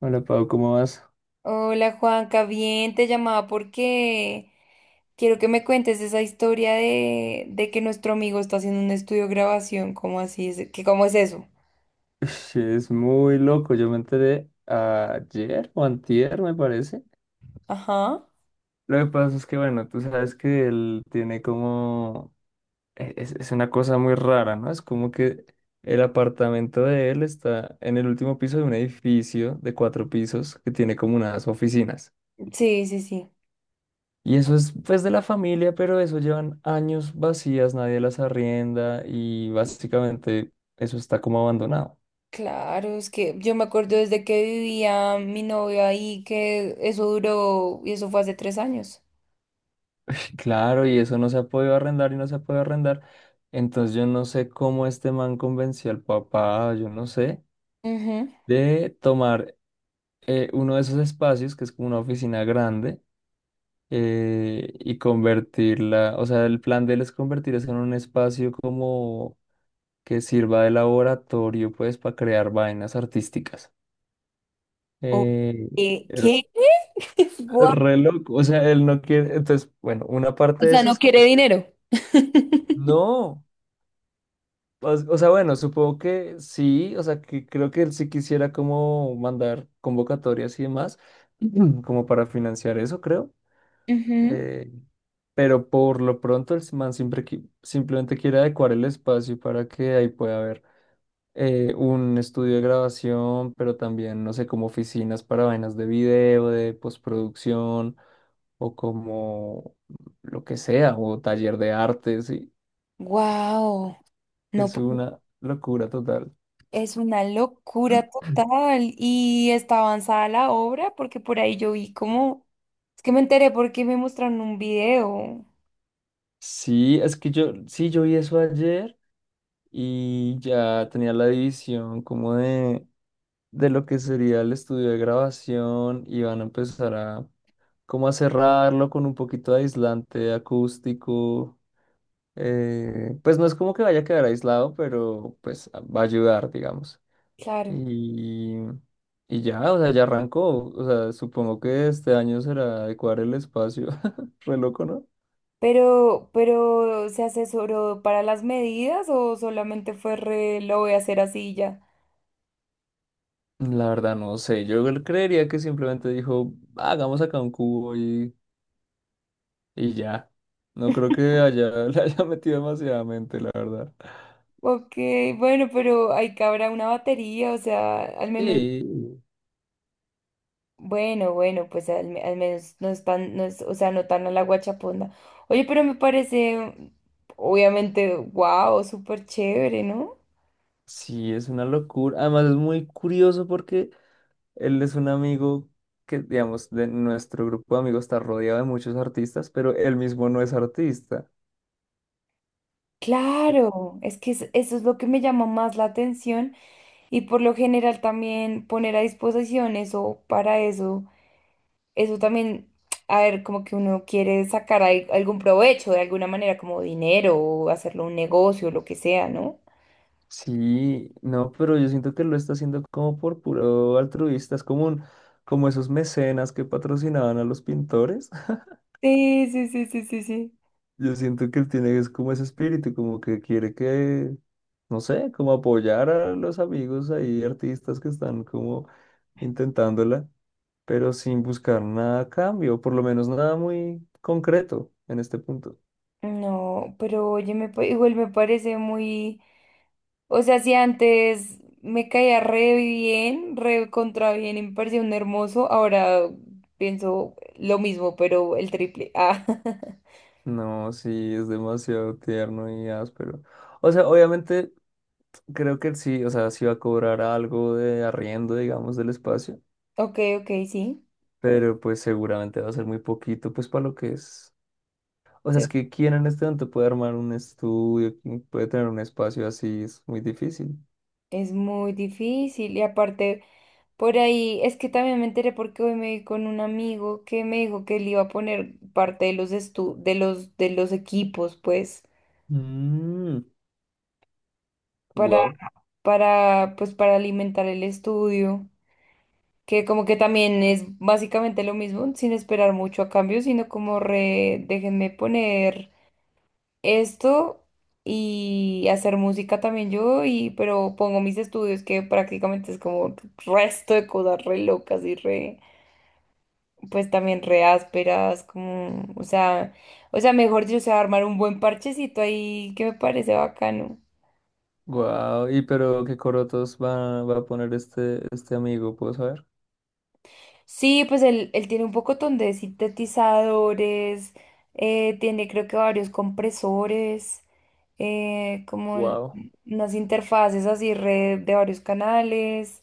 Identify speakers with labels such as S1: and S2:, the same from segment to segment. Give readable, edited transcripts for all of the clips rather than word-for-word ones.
S1: Hola Pau, ¿cómo vas?
S2: Hola Juanca, bien, te llamaba porque quiero que me cuentes esa historia de que nuestro amigo está haciendo un estudio de grabación. ¿Cómo así es? ¿Qué? ¿Cómo es eso?
S1: Ush, es muy loco, yo me enteré ayer o antier, me parece.
S2: Ajá.
S1: Lo que pasa es que, bueno, tú sabes que él tiene como... Es una cosa muy rara, ¿no? Es como que el apartamento de él está en el último piso de un edificio de cuatro pisos que tiene como unas oficinas.
S2: Sí, sí, sí.
S1: Y eso es pues de la familia, pero eso llevan años vacías, nadie las arrienda y básicamente eso está como abandonado.
S2: Claro, es que yo me acuerdo desde que vivía mi novio ahí, que eso duró, y eso fue hace 3 años.
S1: Claro, y eso no se ha podido arrendar y no se ha podido arrendar. Entonces yo no sé cómo este man convenció al papá, yo no sé,
S2: Ujú.
S1: de tomar uno de esos espacios, que es como una oficina grande, y convertirla, o sea, el plan de él es convertir eso en un espacio como que sirva de laboratorio, pues, para crear vainas artísticas.
S2: Oh,
S1: Eh,
S2: ¿qué? ¿Qué? Guau.
S1: re loco, o sea, él no quiere, entonces, bueno, una
S2: O
S1: parte de
S2: sea,
S1: eso
S2: no
S1: es que
S2: quiere dinero.
S1: no. O sea, bueno, supongo que sí, o sea, que creo que él sí quisiera como mandar convocatorias y demás, como para financiar eso, creo. Eh, pero por lo pronto el man siempre, simplemente quiere adecuar el espacio para que ahí pueda haber un estudio de grabación, pero también, no sé, como oficinas para vainas de video, de postproducción, o como lo que sea, o taller de arte, sí.
S2: Wow. No,
S1: Es
S2: pues.
S1: una locura total.
S2: Es una locura total, y está avanzada la obra porque por ahí yo vi como, es que me enteré porque me mostraron un video,
S1: Sí, es que yo, sí, yo vi eso ayer y ya tenía la división como de lo que sería el estudio de grabación y van a empezar a como a cerrarlo con un poquito de aislante acústico. Pues no es como que vaya a quedar aislado, pero pues va a ayudar, digamos.
S2: claro.
S1: Y, y ya, o sea, ya arrancó. O sea, supongo que este año será adecuar el espacio. Re loco, ¿no?
S2: Pero ¿se asesoró para las medidas, o solamente fue re, lo voy a hacer así y ya?
S1: La verdad no sé, creería que simplemente dijo, hagamos acá un cubo y ya. No creo que haya, le haya metido demasiadamente, la verdad.
S2: Ok, bueno, pero ahí cabrá una batería, o sea, al menos,
S1: Sí.
S2: bueno, bueno, pues al menos no están, no es, o sea, no tan a la guachaponda. Oye, pero me parece, obviamente, wow, súper chévere, ¿no?
S1: Sí, es una locura. Además es muy curioso porque él es un amigo que, digamos, de nuestro grupo de amigos está rodeado de muchos artistas, pero él mismo no es artista.
S2: Claro, es que eso es lo que me llama más la atención, y por lo general también poner a disposición eso para eso, eso también, a ver, como que uno quiere sacar algún provecho de alguna manera, como dinero, o hacerlo un negocio, lo que sea, ¿no?
S1: Sí, no, pero yo siento que lo está haciendo como por puro altruista, es como un, como esos mecenas que patrocinaban a los pintores.
S2: Sí, sí, sí, sí, sí, sí.
S1: Yo siento que él tiene es como ese espíritu, como que quiere que, no sé, como apoyar a los amigos ahí, artistas que están como intentándola, pero sin buscar nada a cambio, por lo menos nada muy concreto en este punto.
S2: No, pero oye, igual me parece muy... O sea, si antes me caía re bien, re contra bien, y me parecía un hermoso, ahora pienso lo mismo, pero el triple. Ah,
S1: No, sí, es demasiado tierno y áspero. O sea, obviamente creo que él sí, o sea, sí va a cobrar algo de arriendo, digamos, del espacio,
S2: ok, ok, sí.
S1: pero pues seguramente va a ser muy poquito, pues para lo que es. O sea, es
S2: Sí.
S1: que quién en este momento puede armar un estudio, quién puede tener un espacio así, es muy difícil.
S2: Es muy difícil, y aparte por ahí es que también me enteré porque hoy me vi con un amigo que me dijo que él iba a poner parte de los estu- de los equipos, pues
S1: Mm.
S2: para
S1: Wow.
S2: para pues para alimentar el estudio. Que como que también es básicamente lo mismo, sin esperar mucho a cambio, sino como re, déjenme poner esto y hacer música también yo, y pero pongo mis estudios, que prácticamente es como resto de cosas re locas y re, pues también re ásperas, como, o sea, mejor dicho, o sea, armar un buen parchecito ahí, que me parece bacano.
S1: Wow. Y pero qué corotos va, va a poner este, este amigo, ¿puedo saber?
S2: Sí, pues él tiene un pocotón de sintetizadores. Tiene creo que varios compresores. eh, como el-
S1: Wow.
S2: Unas interfaces así de varios canales.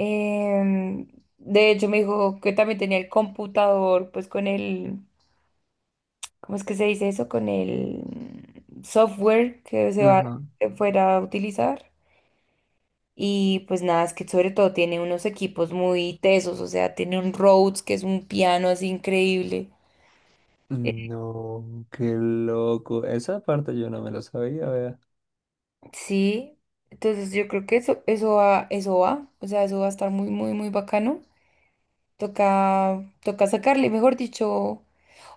S2: em, de hecho me dijo que también tenía el computador, pues con el, ¿cómo es que se dice eso? Con el software
S1: Ajá.
S2: que fuera a utilizar. Y pues nada, es que sobre todo tiene unos equipos muy tesos, o sea, tiene un Rhodes, que es un piano así increíble. Eh,
S1: No, qué loco. Esa parte yo no me la sabía, vea.
S2: Sí, entonces yo creo que eso va, o sea, eso va a estar muy, muy, muy bacano. Toca, toca sacarle, mejor dicho.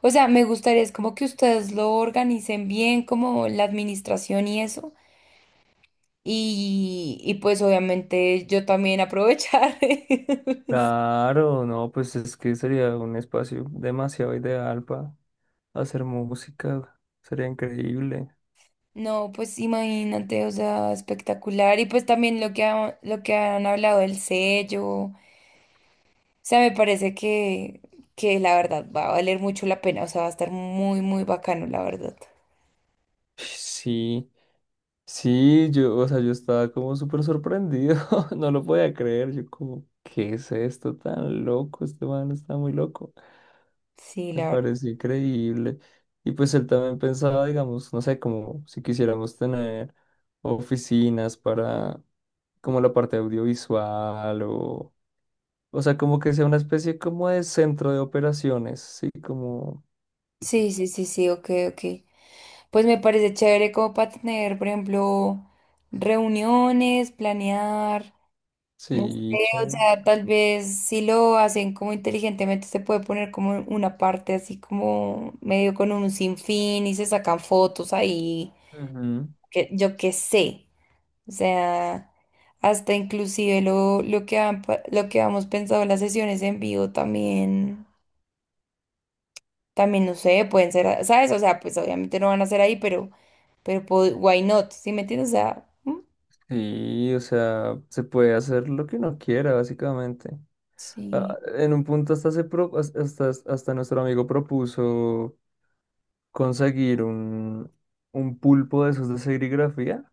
S2: O sea, me gustaría, es como que ustedes lo organicen bien, como la administración y eso. Y pues obviamente yo también aprovechar.
S1: Claro, no, pues es que sería un espacio demasiado ideal para hacer música. Sería increíble.
S2: No, pues imagínate, o sea, espectacular. Y pues también lo que, lo que han hablado del sello. O sea, me parece que la verdad va a valer mucho la pena, o sea, va a estar muy, muy bacano, la verdad.
S1: Sí. Sí, yo, o sea, yo estaba como súper sorprendido, no lo podía creer, yo como, ¿qué es esto tan loco? Este man está muy loco,
S2: Sí,
S1: me
S2: la verdad.
S1: pareció increíble. Y pues él también pensaba, digamos, no sé, como si quisiéramos tener oficinas para como la parte audiovisual o sea, como que sea una especie como de centro de operaciones, sí, como,
S2: Sí, sí, sí, sí, ok, ok. Pues me parece chévere como para tener, por ejemplo, reuniones, planear. No sé,
S1: sí,
S2: o
S1: chévere.
S2: sea, tal vez si lo hacen como inteligentemente, se puede poner como una parte así como medio con un sinfín, y se sacan fotos ahí,
S1: Ujú.
S2: que yo qué sé. O sea, hasta inclusive lo que hemos pensado en las sesiones en vivo también, también no sé, pueden ser, ¿sabes? O sea, pues obviamente no van a ser ahí, pero, why not? ¿Sí me entiendes? O sea, mm,
S1: Sí, o sea, se puede hacer lo que uno quiera, básicamente.
S2: sí.
S1: Ah, en un punto hasta, hasta, hasta nuestro amigo propuso conseguir un pulpo de esos de serigrafía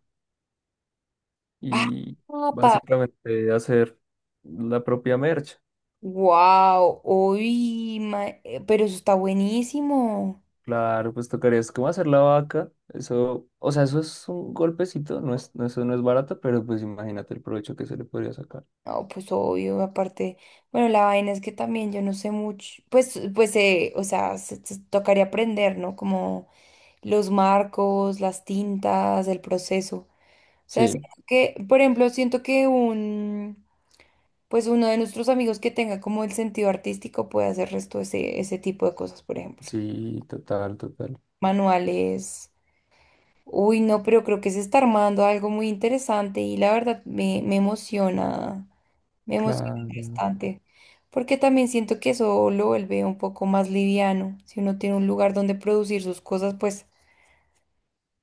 S2: Ah,
S1: y
S2: papá.
S1: básicamente hacer la propia merch.
S2: Wow, uy, pero eso está buenísimo.
S1: Claro, pues tocaría es como hacer la vaca. Eso, o sea, eso es un golpecito, no es, no, eso no es barato, pero pues imagínate el provecho que se le podría sacar.
S2: No, pues obvio, aparte, bueno, la vaina es que también yo no sé mucho, pues, o sea, se tocaría aprender, ¿no? Como los marcos, las tintas, el proceso. O sea,
S1: Sí,
S2: siento que, por ejemplo, siento que un, pues uno de nuestros amigos que tenga como el sentido artístico puede hacer resto ese tipo de cosas, por ejemplo.
S1: sí, total, total.
S2: Manuales. Uy, no, pero creo que se está armando algo muy interesante, y la verdad me emociona, me emociona
S1: Claro.
S2: bastante, porque también siento que eso lo vuelve un poco más liviano. Si uno tiene un lugar donde producir sus cosas, pues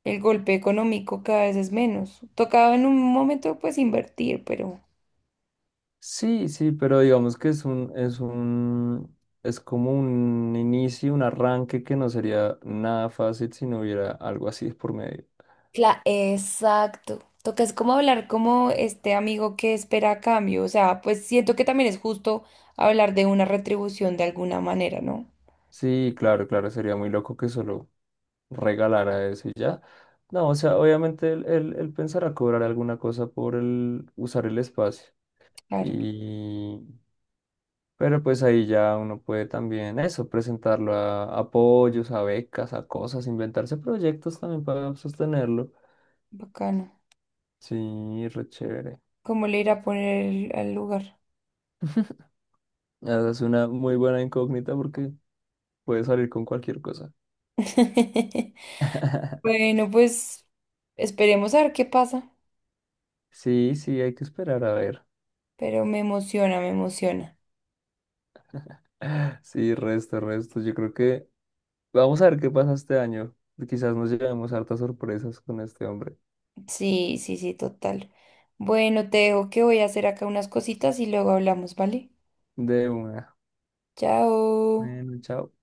S2: el golpe económico cada vez es menos. Tocaba en un momento pues invertir, pero...
S1: Sí, sí, pero digamos que es un, es un, es como un inicio, un arranque que no sería nada fácil si no hubiera algo así por medio.
S2: Exacto. Toca es como hablar como este amigo que espera a cambio, o sea, pues siento que también es justo hablar de una retribución de alguna manera, ¿no?
S1: Sí, claro, claro, sería muy loco que solo regalara eso y ya. No, o sea, obviamente él, él, él pensará cobrar alguna cosa por el usar el espacio.
S2: Claro,
S1: Y, pero pues ahí ya uno puede también eso, presentarlo a apoyos, a becas, a cosas, inventarse proyectos también para sostenerlo.
S2: bacano.
S1: Sí, re chévere.
S2: ¿Cómo le irá a poner al lugar?
S1: Esa es una muy buena incógnita porque puede salir con cualquier cosa.
S2: Bueno, pues esperemos a ver qué pasa,
S1: Sí, sí, hay que esperar a ver.
S2: pero me emociona, me emociona.
S1: Sí, resto, resto. Yo creo que vamos a ver qué pasa este año. Quizás nos llevemos hartas sorpresas con este hombre.
S2: Sí, sí, sí, total. Bueno, te dejo, que voy a hacer acá unas cositas y luego hablamos, ¿vale?
S1: De una.
S2: Chao.
S1: Bueno, chao.